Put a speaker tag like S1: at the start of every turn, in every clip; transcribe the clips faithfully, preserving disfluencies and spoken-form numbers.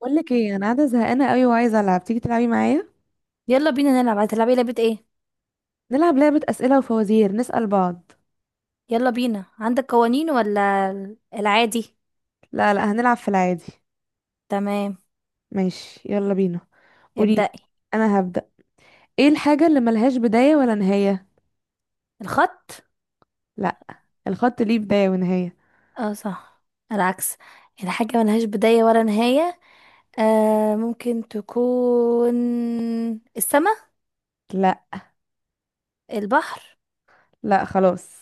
S1: بقول لك ايه، انا قاعده زهقانه قوي وعايزه العب. تيجي تلعبي معايا؟
S2: يلا بينا نلعب. هتلعبي لعبة ايه؟
S1: نلعب لعبه اسئله وفوازير نسال بعض.
S2: يلا بينا، عندك قوانين ولا ال- العادي؟
S1: لا، لا، هنلعب في العادي.
S2: تمام.
S1: ماشي، يلا بينا. قولي لي.
S2: ابدأي.
S1: انا هبدا. ايه الحاجه اللي ملهاش بدايه ولا نهايه؟
S2: الخط.
S1: لا. الخط ليه بدايه ونهايه.
S2: اه صح، العكس. الحاجة ملهاش بداية ولا نهاية. آه ممكن تكون السماء.
S1: لا،
S2: البحر.
S1: لا، خلاص.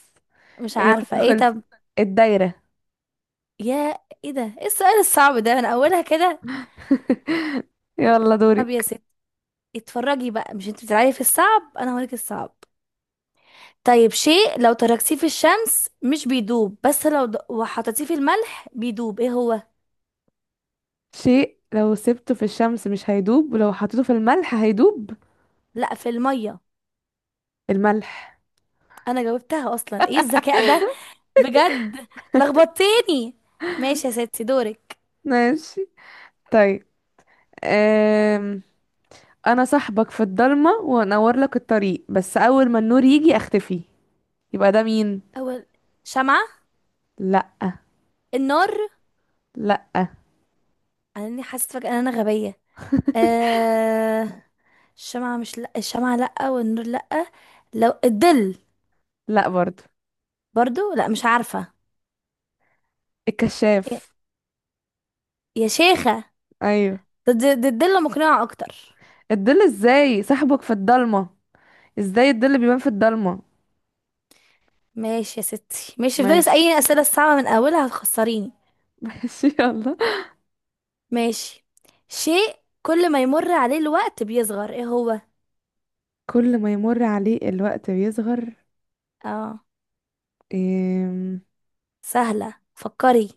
S2: مش
S1: هي
S2: عارفة ايه،
S1: خلصت.
S2: طب.
S1: الدايره.
S2: يا، ايه ده؟ ايه السؤال الصعب ده من اولها كده؟
S1: يلا
S2: طب يا
S1: دورك.
S2: ست، اتفرجي بقى، مش انت بتلعبي في الصعب؟ انا هوريك الصعب. طيب، شيء لو تركتيه في الشمس مش بيدوب، بس لو د... وحطيتيه في الملح بيدوب، ايه هو؟
S1: شيء لو سبته في الشمس مش هيدوب، ولو حطيته في الملح هيدوب.
S2: لا، في المية.
S1: الملح.
S2: انا جاوبتها اصلا، ايه الذكاء ده بجد، لخبطتني. ماشي يا ستي، دورك.
S1: ماشي. طيب. انا صاحبك في الضلمه وانور لك الطريق، بس اول ما النور يجي اختفي، يبقى ده مين؟
S2: اول، شمعة.
S1: لا.
S2: النار.
S1: لا.
S2: انا اني حاسة فجأة ان انا غبية. آه... الشمعة مش، لا الشمعة لا والنور لا. لو الظل.
S1: لا برضو.
S2: برضو لا، مش عارفة. يا
S1: الكشاف.
S2: يا شيخة.
S1: ايوه.
S2: ده ده- ده الظل مقنعة اكتر.
S1: الظل ازاي صاحبك في الضلمه؟ ازاي الظل بيبان في الضلمه؟
S2: ماشي يا ستي ماشي، افضلي اسأليني
S1: ماشي.
S2: الأسئلة الصعبة من أولها هتخسريني.
S1: ماشي، يلا.
S2: ماشي. شيء كل ما يمر عليه الوقت بيصغر، ايه هو؟
S1: كل ما يمر عليه الوقت بيصغر؟
S2: اه،
S1: إيه؟
S2: سهلة فكري.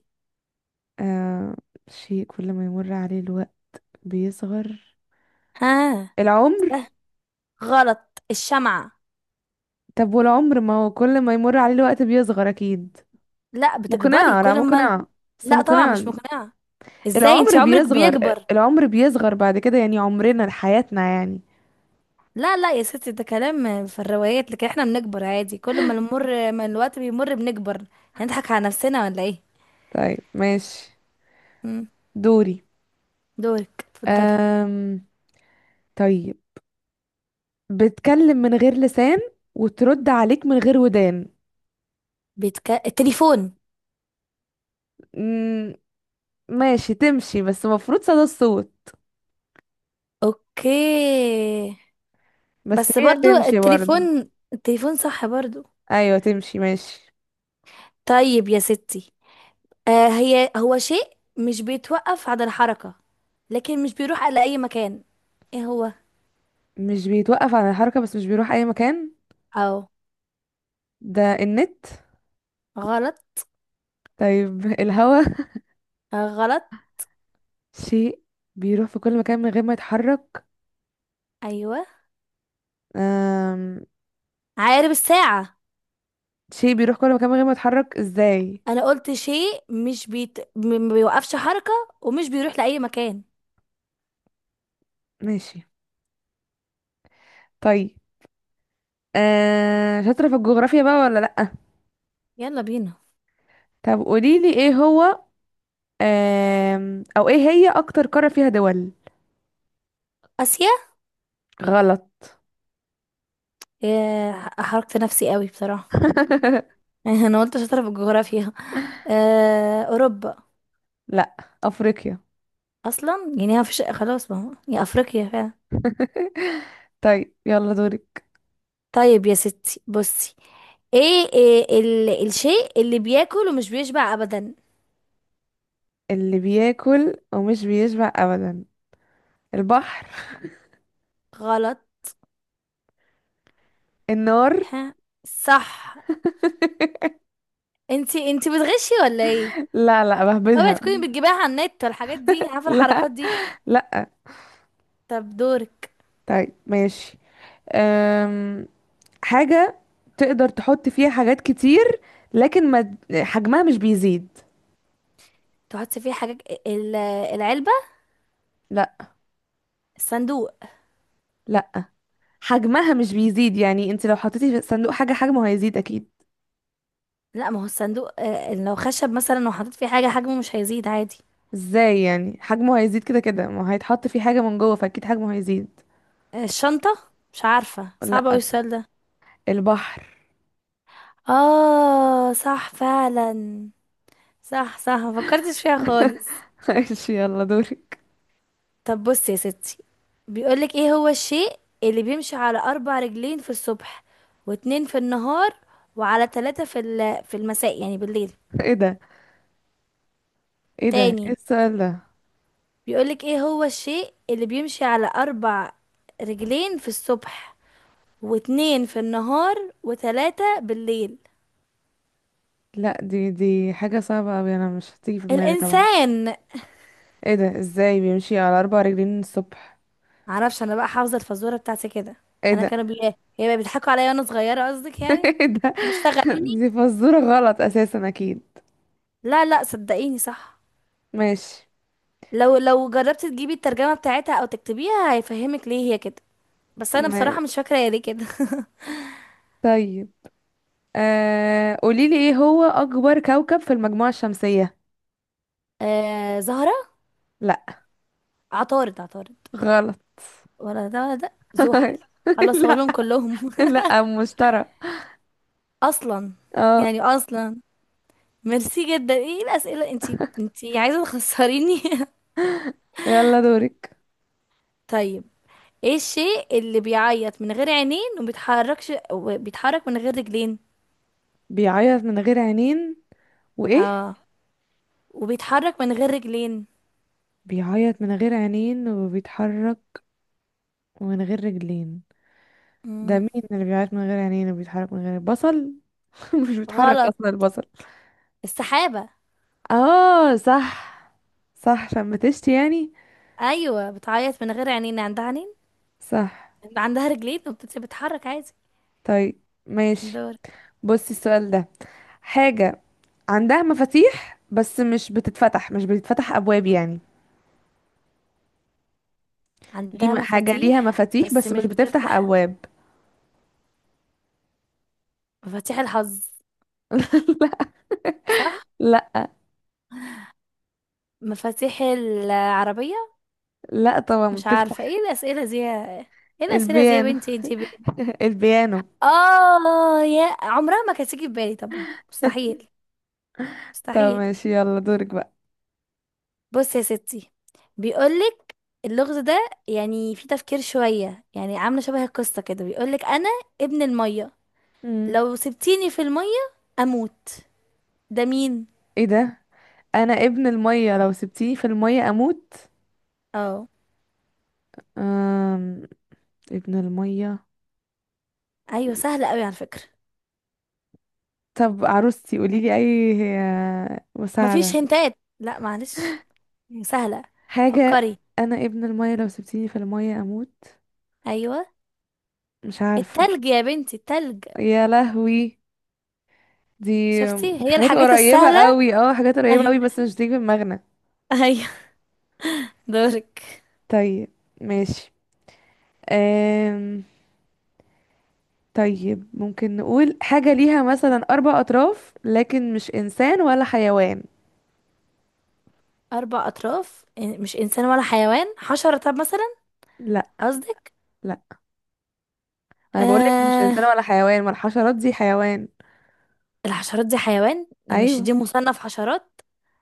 S1: آه... شيء كل ما يمر عليه الوقت بيصغر.
S2: ها.
S1: العمر.
S2: سهل، غلط الشمعة.
S1: طب والعمر ما هو كل ما يمر عليه الوقت بيصغر اكيد.
S2: لا، بتكبري
S1: مقنعه. لا
S2: كل ما ال-
S1: مقنعه، بس
S2: لا طبعا
S1: مقنعه.
S2: مش مقنعة. ازاي انت
S1: العمر
S2: عمرك
S1: بيصغر.
S2: بيكبر؟
S1: العمر بيصغر بعد كده يعني، عمرنا حياتنا يعني.
S2: لا لا يا ستي، ده كلام في الروايات لكن احنا بنكبر عادي، كل ما نمر ما الوقت بيمر بنكبر. هنضحك على نفسنا ولا ايه؟
S1: طيب، ماشي.
S2: مم.
S1: دوري.
S2: دورك اتفضلي.
S1: أم... طيب. بتكلم من غير لسان وترد عليك من غير ودان.
S2: بيتك... التليفون.
S1: مم... ماشي تمشي، بس المفروض صدى الصوت.
S2: اوكي.
S1: بس
S2: بس
S1: هي
S2: برضو
S1: تمشي برضو.
S2: التليفون، التليفون صح برضو.
S1: ايوه، تمشي ماشي.
S2: طيب يا ستي، آه هي هو شيء مش بيتوقف عند الحركة لكن مش بيروح على أي مكان، ايه هو؟
S1: مش بيتوقف عن الحركة، بس مش بيروح اي مكان.
S2: او،
S1: ده النت.
S2: غلط.
S1: طيب. الهوا.
S2: آه غلط.
S1: شيء بيروح في كل مكان من غير ما يتحرك.
S2: ايوه،
S1: أم...
S2: عقارب الساعة.
S1: شيء بيروح كل مكان من غير ما يتحرك؟ ازاي؟
S2: انا قلت شيء مش بيت... م- ما بيوقفش حركة ومش بيروح لأي مكان.
S1: ماشي. طيب. آه شاطرة في الجغرافيا بقى ولا لأ؟
S2: يلا بينا.
S1: طب قوليلي ايه هو. آه او ايه هي اكتر قارة فيها دول؟
S2: آسيا.
S1: غلط.
S2: ياه، حركت نفسي قوي بصراحة. انا قلت شاطرة في الجغرافيا. آه أوروبا.
S1: لأ، افريقيا.
S2: اصلا يعني ما فيش خلاص، ما هو يا افريقيا فعلا.
S1: طيب، يلا دوري.
S2: طيب يا ستي بصي، ايه, إيه ال... الشيء اللي بياكل ومش بيشبع ابدا؟
S1: اللي بياكل ومش بيشبع ابدا. البحر.
S2: غلط.
S1: النار.
S2: ها، صح. انتي انتي بتغشي ولا ايه؟
S1: لا، لا،
S2: اوعي
S1: بهبدها.
S2: تكوني بتجيبيها على النت والحاجات دي، عارفه
S1: لا،
S2: الحركات دي.
S1: لا.
S2: طب دورك.
S1: طيب، ماشي. أم... حاجة تقدر تحط فيها حاجات كتير، لكن ما حجمها مش بيزيد.
S2: تحطي فيه حاجات، ال- العلبه.
S1: لا.
S2: الصندوق.
S1: لا، حجمها مش بيزيد يعني، انت لو حطيتي في صندوق حاجة حجمه هيزيد اكيد.
S2: لا، ما هو الصندوق آه، لو خشب مثلا وحطيت فيه حاجه حجمه مش هيزيد عادي.
S1: ازاي يعني؟ حجمه هيزيد كده كده، ما هيتحط فيه حاجة من جوه فاكيد حجمه هيزيد.
S2: آه، الشنطه، مش عارفه، صعب اوي
S1: لا،
S2: السؤال ده.
S1: البحر.
S2: اه صح فعلا، صح صح ما فكرتش فيها خالص.
S1: ماشي، يلا دورك.
S2: طب بص يا ستي، بيقولك ايه هو الشيء اللي بيمشي على اربع رجلين في الصبح واتنين في النهار وعلى تلاتة في ال- في المساء، يعني بالليل.
S1: ايه ده؟ ايه ده؟ ايه
S2: تاني.
S1: السؤال ده؟
S2: بيقولك ايه هو الشيء اللي بيمشي على اربع رجلين في الصبح واتنين في النهار وتلاتة بالليل.
S1: لا، دي دي حاجة صعبة اوي، انا مش هتيجي في دماغي طبعا.
S2: الانسان.
S1: ايه ده؟ ازاي بيمشي على اربع رجلين الصبح؟
S2: معرفش، انا بقى حافظة الفزورة بتاعتي كده.
S1: ايه
S2: انا
S1: ده؟
S2: كانوا بي... هي بقى بيضحكوا عليا وانا صغيرة قصدك يعني.
S1: ايه ده؟
S2: هم اشتغلوني.
S1: دي فزورة غلط اساسا اكيد.
S2: لا لا صدقيني صح.
S1: ماشي.
S2: لو لو جربتي تجيبي الترجمة بتاعتها او تكتبيها هيفهمك ليه هي كده، بس انا
S1: ما...
S2: بصراحة مش فاكرة هي ليه كده.
S1: طيب. آه... قوليلي ايه هو اكبر كوكب في المجموعة الشمسية؟
S2: آه زهرة.
S1: لا.
S2: عطارد عطارد.
S1: غلط.
S2: ولا ده ولا ده، زحل. خلاص
S1: لا،
S2: هقولهم كلهم.
S1: لا، مشترى.
S2: اصلا،
S1: اه.
S2: يعني اصلا ميرسي جدا، ايه الاسئلة، انتي انتي عايزة تخسريني.
S1: يلا دورك.
S2: طيب، ايه الشيء اللي بيعيط من غير عينين وبيتحركش وبيتحرك من غير رجلين؟
S1: بيعيط من غير عينين وايه؟
S2: اه، وبيتحرك من غير رجلين.
S1: بيعيط من غير عينين وبيتحرك من غير رجلين. ده
S2: مم.
S1: مين اللي بيعيط من غير عينين وبيتحرك من غير بصل؟ مش بيتحرك
S2: غلط.
S1: اصلا البصل.
S2: السحابة.
S1: اه، صح. صح، شمتشتي يعني.
S2: ايوه، بتعيط من غير عينين، عندها عينين،
S1: صح.
S2: عندها رجلين وبتتحرك عادي.
S1: طيب، ماشي.
S2: دور.
S1: بصي السؤال ده. حاجة عندها مفاتيح، بس مش بتتفتح مش بتتفتح أبواب يعني. ليه
S2: عندها
S1: م- حاجة ليها
S2: مفاتيح
S1: مفاتيح
S2: بس
S1: بس مش
S2: مش
S1: بتفتح
S2: بتفتح،
S1: أبواب؟
S2: مفاتيح الحظ. صح.
S1: لا،
S2: مفاتيح العربية.
S1: لا طبعا
S2: مش عارفة ايه
S1: بتفتح.
S2: الأسئلة دي يا- ايه الأسئلة دي يا
S1: البيانو.
S2: بنتي، انتي ب...
S1: البيانو.
S2: اه، يا عمرها ما كانت تيجي في بالي طبعا، مستحيل،
S1: طب
S2: مستحيل.
S1: ماشي، يلا دورك بقى.
S2: بص يا ستي بيقولك اللغز ده يعني فيه تفكير شوية، يعني عاملة شبه القصة كده، بيقولك أنا ابن المية،
S1: مم.
S2: لو سبتيني في المية اموت، ده مين؟
S1: ايه ده؟ انا ابن المية، لو سبتيني في المية اموت.
S2: اه.
S1: أم... ابن المية.
S2: ايوه سهلة قوي على فكرة،
S1: طب عروستي، قوليلي اي. آه،
S2: مفيش
S1: مساعدة.
S2: هنتات لا معلش. سهلة،
S1: حاجة.
S2: فكري.
S1: انا ابن المية لو سبتيني في المية اموت.
S2: ايوه،
S1: مش عارفة.
S2: التلج يا بنتي التلج.
S1: يا لهوي. دي
S2: شفتي هي
S1: حاجات
S2: الحاجات
S1: قريبة
S2: السهلة.
S1: قوي، اه، حاجات قريبة قوي بس مش تيجي في دماغنا.
S2: ايوه، دورك.
S1: طيب، ماشي. أم... طيب، ممكن نقول حاجة ليها مثلا أربع أطراف لكن مش إنسان ولا حيوان؟
S2: اربع اطراف إن- مش انسان ولا حيوان، حشرة طب مثلا؟
S1: لا.
S2: قصدك،
S1: لا، أنا بقولك مش
S2: آه
S1: إنسان ولا حيوان، ما الحشرات دي حيوان.
S2: الحشرات دي حيوان، مش
S1: أيوة.
S2: دي مصنف حشرات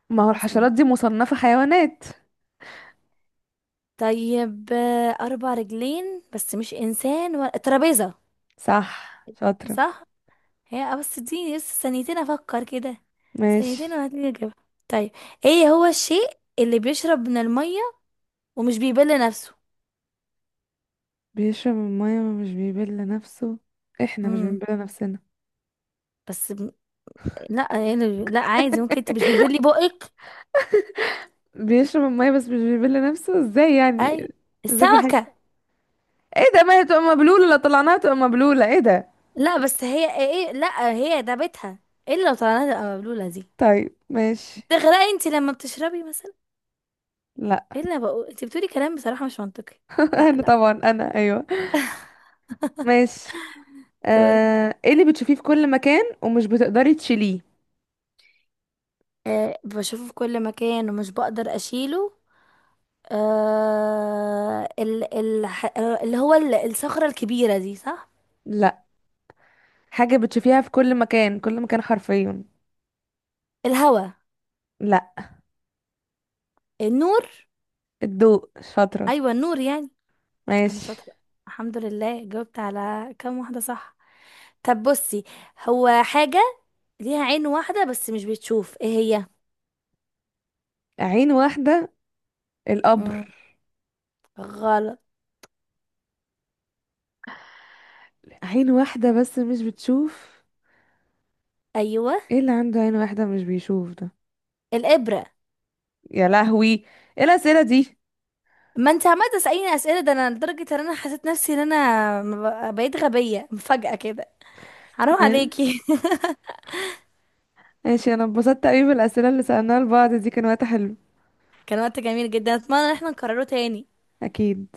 S1: ما هو
S2: اصلا.
S1: الحشرات دي مصنفة حيوانات.
S2: طيب، آه، اربع رجلين بس مش انسان ولا ترابيزة.
S1: صح، شاطرة.
S2: صح. هي، آه، بس اديني لسه ثانيتين افكر كده.
S1: ماشي.
S2: ثانيتين وهتلاقيني اجيبها. طيب، ايه هو الشيء اللي بيشرب من الميه ومش بيبل نفسه؟
S1: بيشرب المية ومش بيبل نفسه. احنا مش
S2: امم.
S1: بنبل نفسنا.
S2: بس ب... لا يعني، لا عادي، ممكن انت مش بتبلي بقك.
S1: بيشرب المية بس مش بيبل نفسه ازاي
S2: اي
S1: يعني؟ ازاي في.
S2: السمكه.
S1: ايه ده؟ ما هي تبقى مبلولة، لو طلعناها تبقى مبلولة، ايه ده؟
S2: لا، بس هي ايه إيه، لا هي ده بيتها، الا لو طلعنا تبقى مبلوله دي.
S1: طيب، ماشي.
S2: بتغرقي انت لما بتشربي مثلا؟
S1: لا.
S2: الا بقول انت بتقولي كلام بصراحه مش منطقي. لا
S1: انا
S2: لا،
S1: طبعا، انا، ايوه. ماشي.
S2: دورك.
S1: آه... ايه اللي بتشوفيه في كل مكان ومش بتقدري تشيليه؟
S2: أه بشوفه في كل مكان ومش بقدر اشيله. آه ال ال اللي هو ال- الصخرة الكبيرة دي صح؟
S1: لا. حاجة بتشوفيها في كل مكان، كل مكان حرفيا.
S2: الهوا.
S1: لا.
S2: النور.
S1: الضوء. شاطرة.
S2: أيوة النور يعني. أنا
S1: ماشي.
S2: شاطرة، الحمد لله جاوبت على كام واحدة صح. طب بصي، هو حاجة ليها عين واحدة بس مش بتشوف، ايه هي؟
S1: عين واحدة. القبر.
S2: مم. غلط.
S1: عين واحدة بس مش بتشوف.
S2: أيوة.
S1: ايه اللي عنده عين واحدة مش بيشوف ده؟
S2: الإبرة.
S1: يا لهوي. ايه الأسئلة دي؟
S2: ما انت عمالة تسأليني أسئلة، ده أنا لدرجة إن أنا حسيت نفسي إن أنا ب- بقيت غبية مفاجأة كده، حرام عليكي.
S1: ماشي، انا اتبسطت قوي بالأسئلة اللي سألناها لبعض دي، كان وقت حلو.
S2: كان وقت جميل جدا، أتمنى إن احنا نكرره تاني.
S1: اكيد.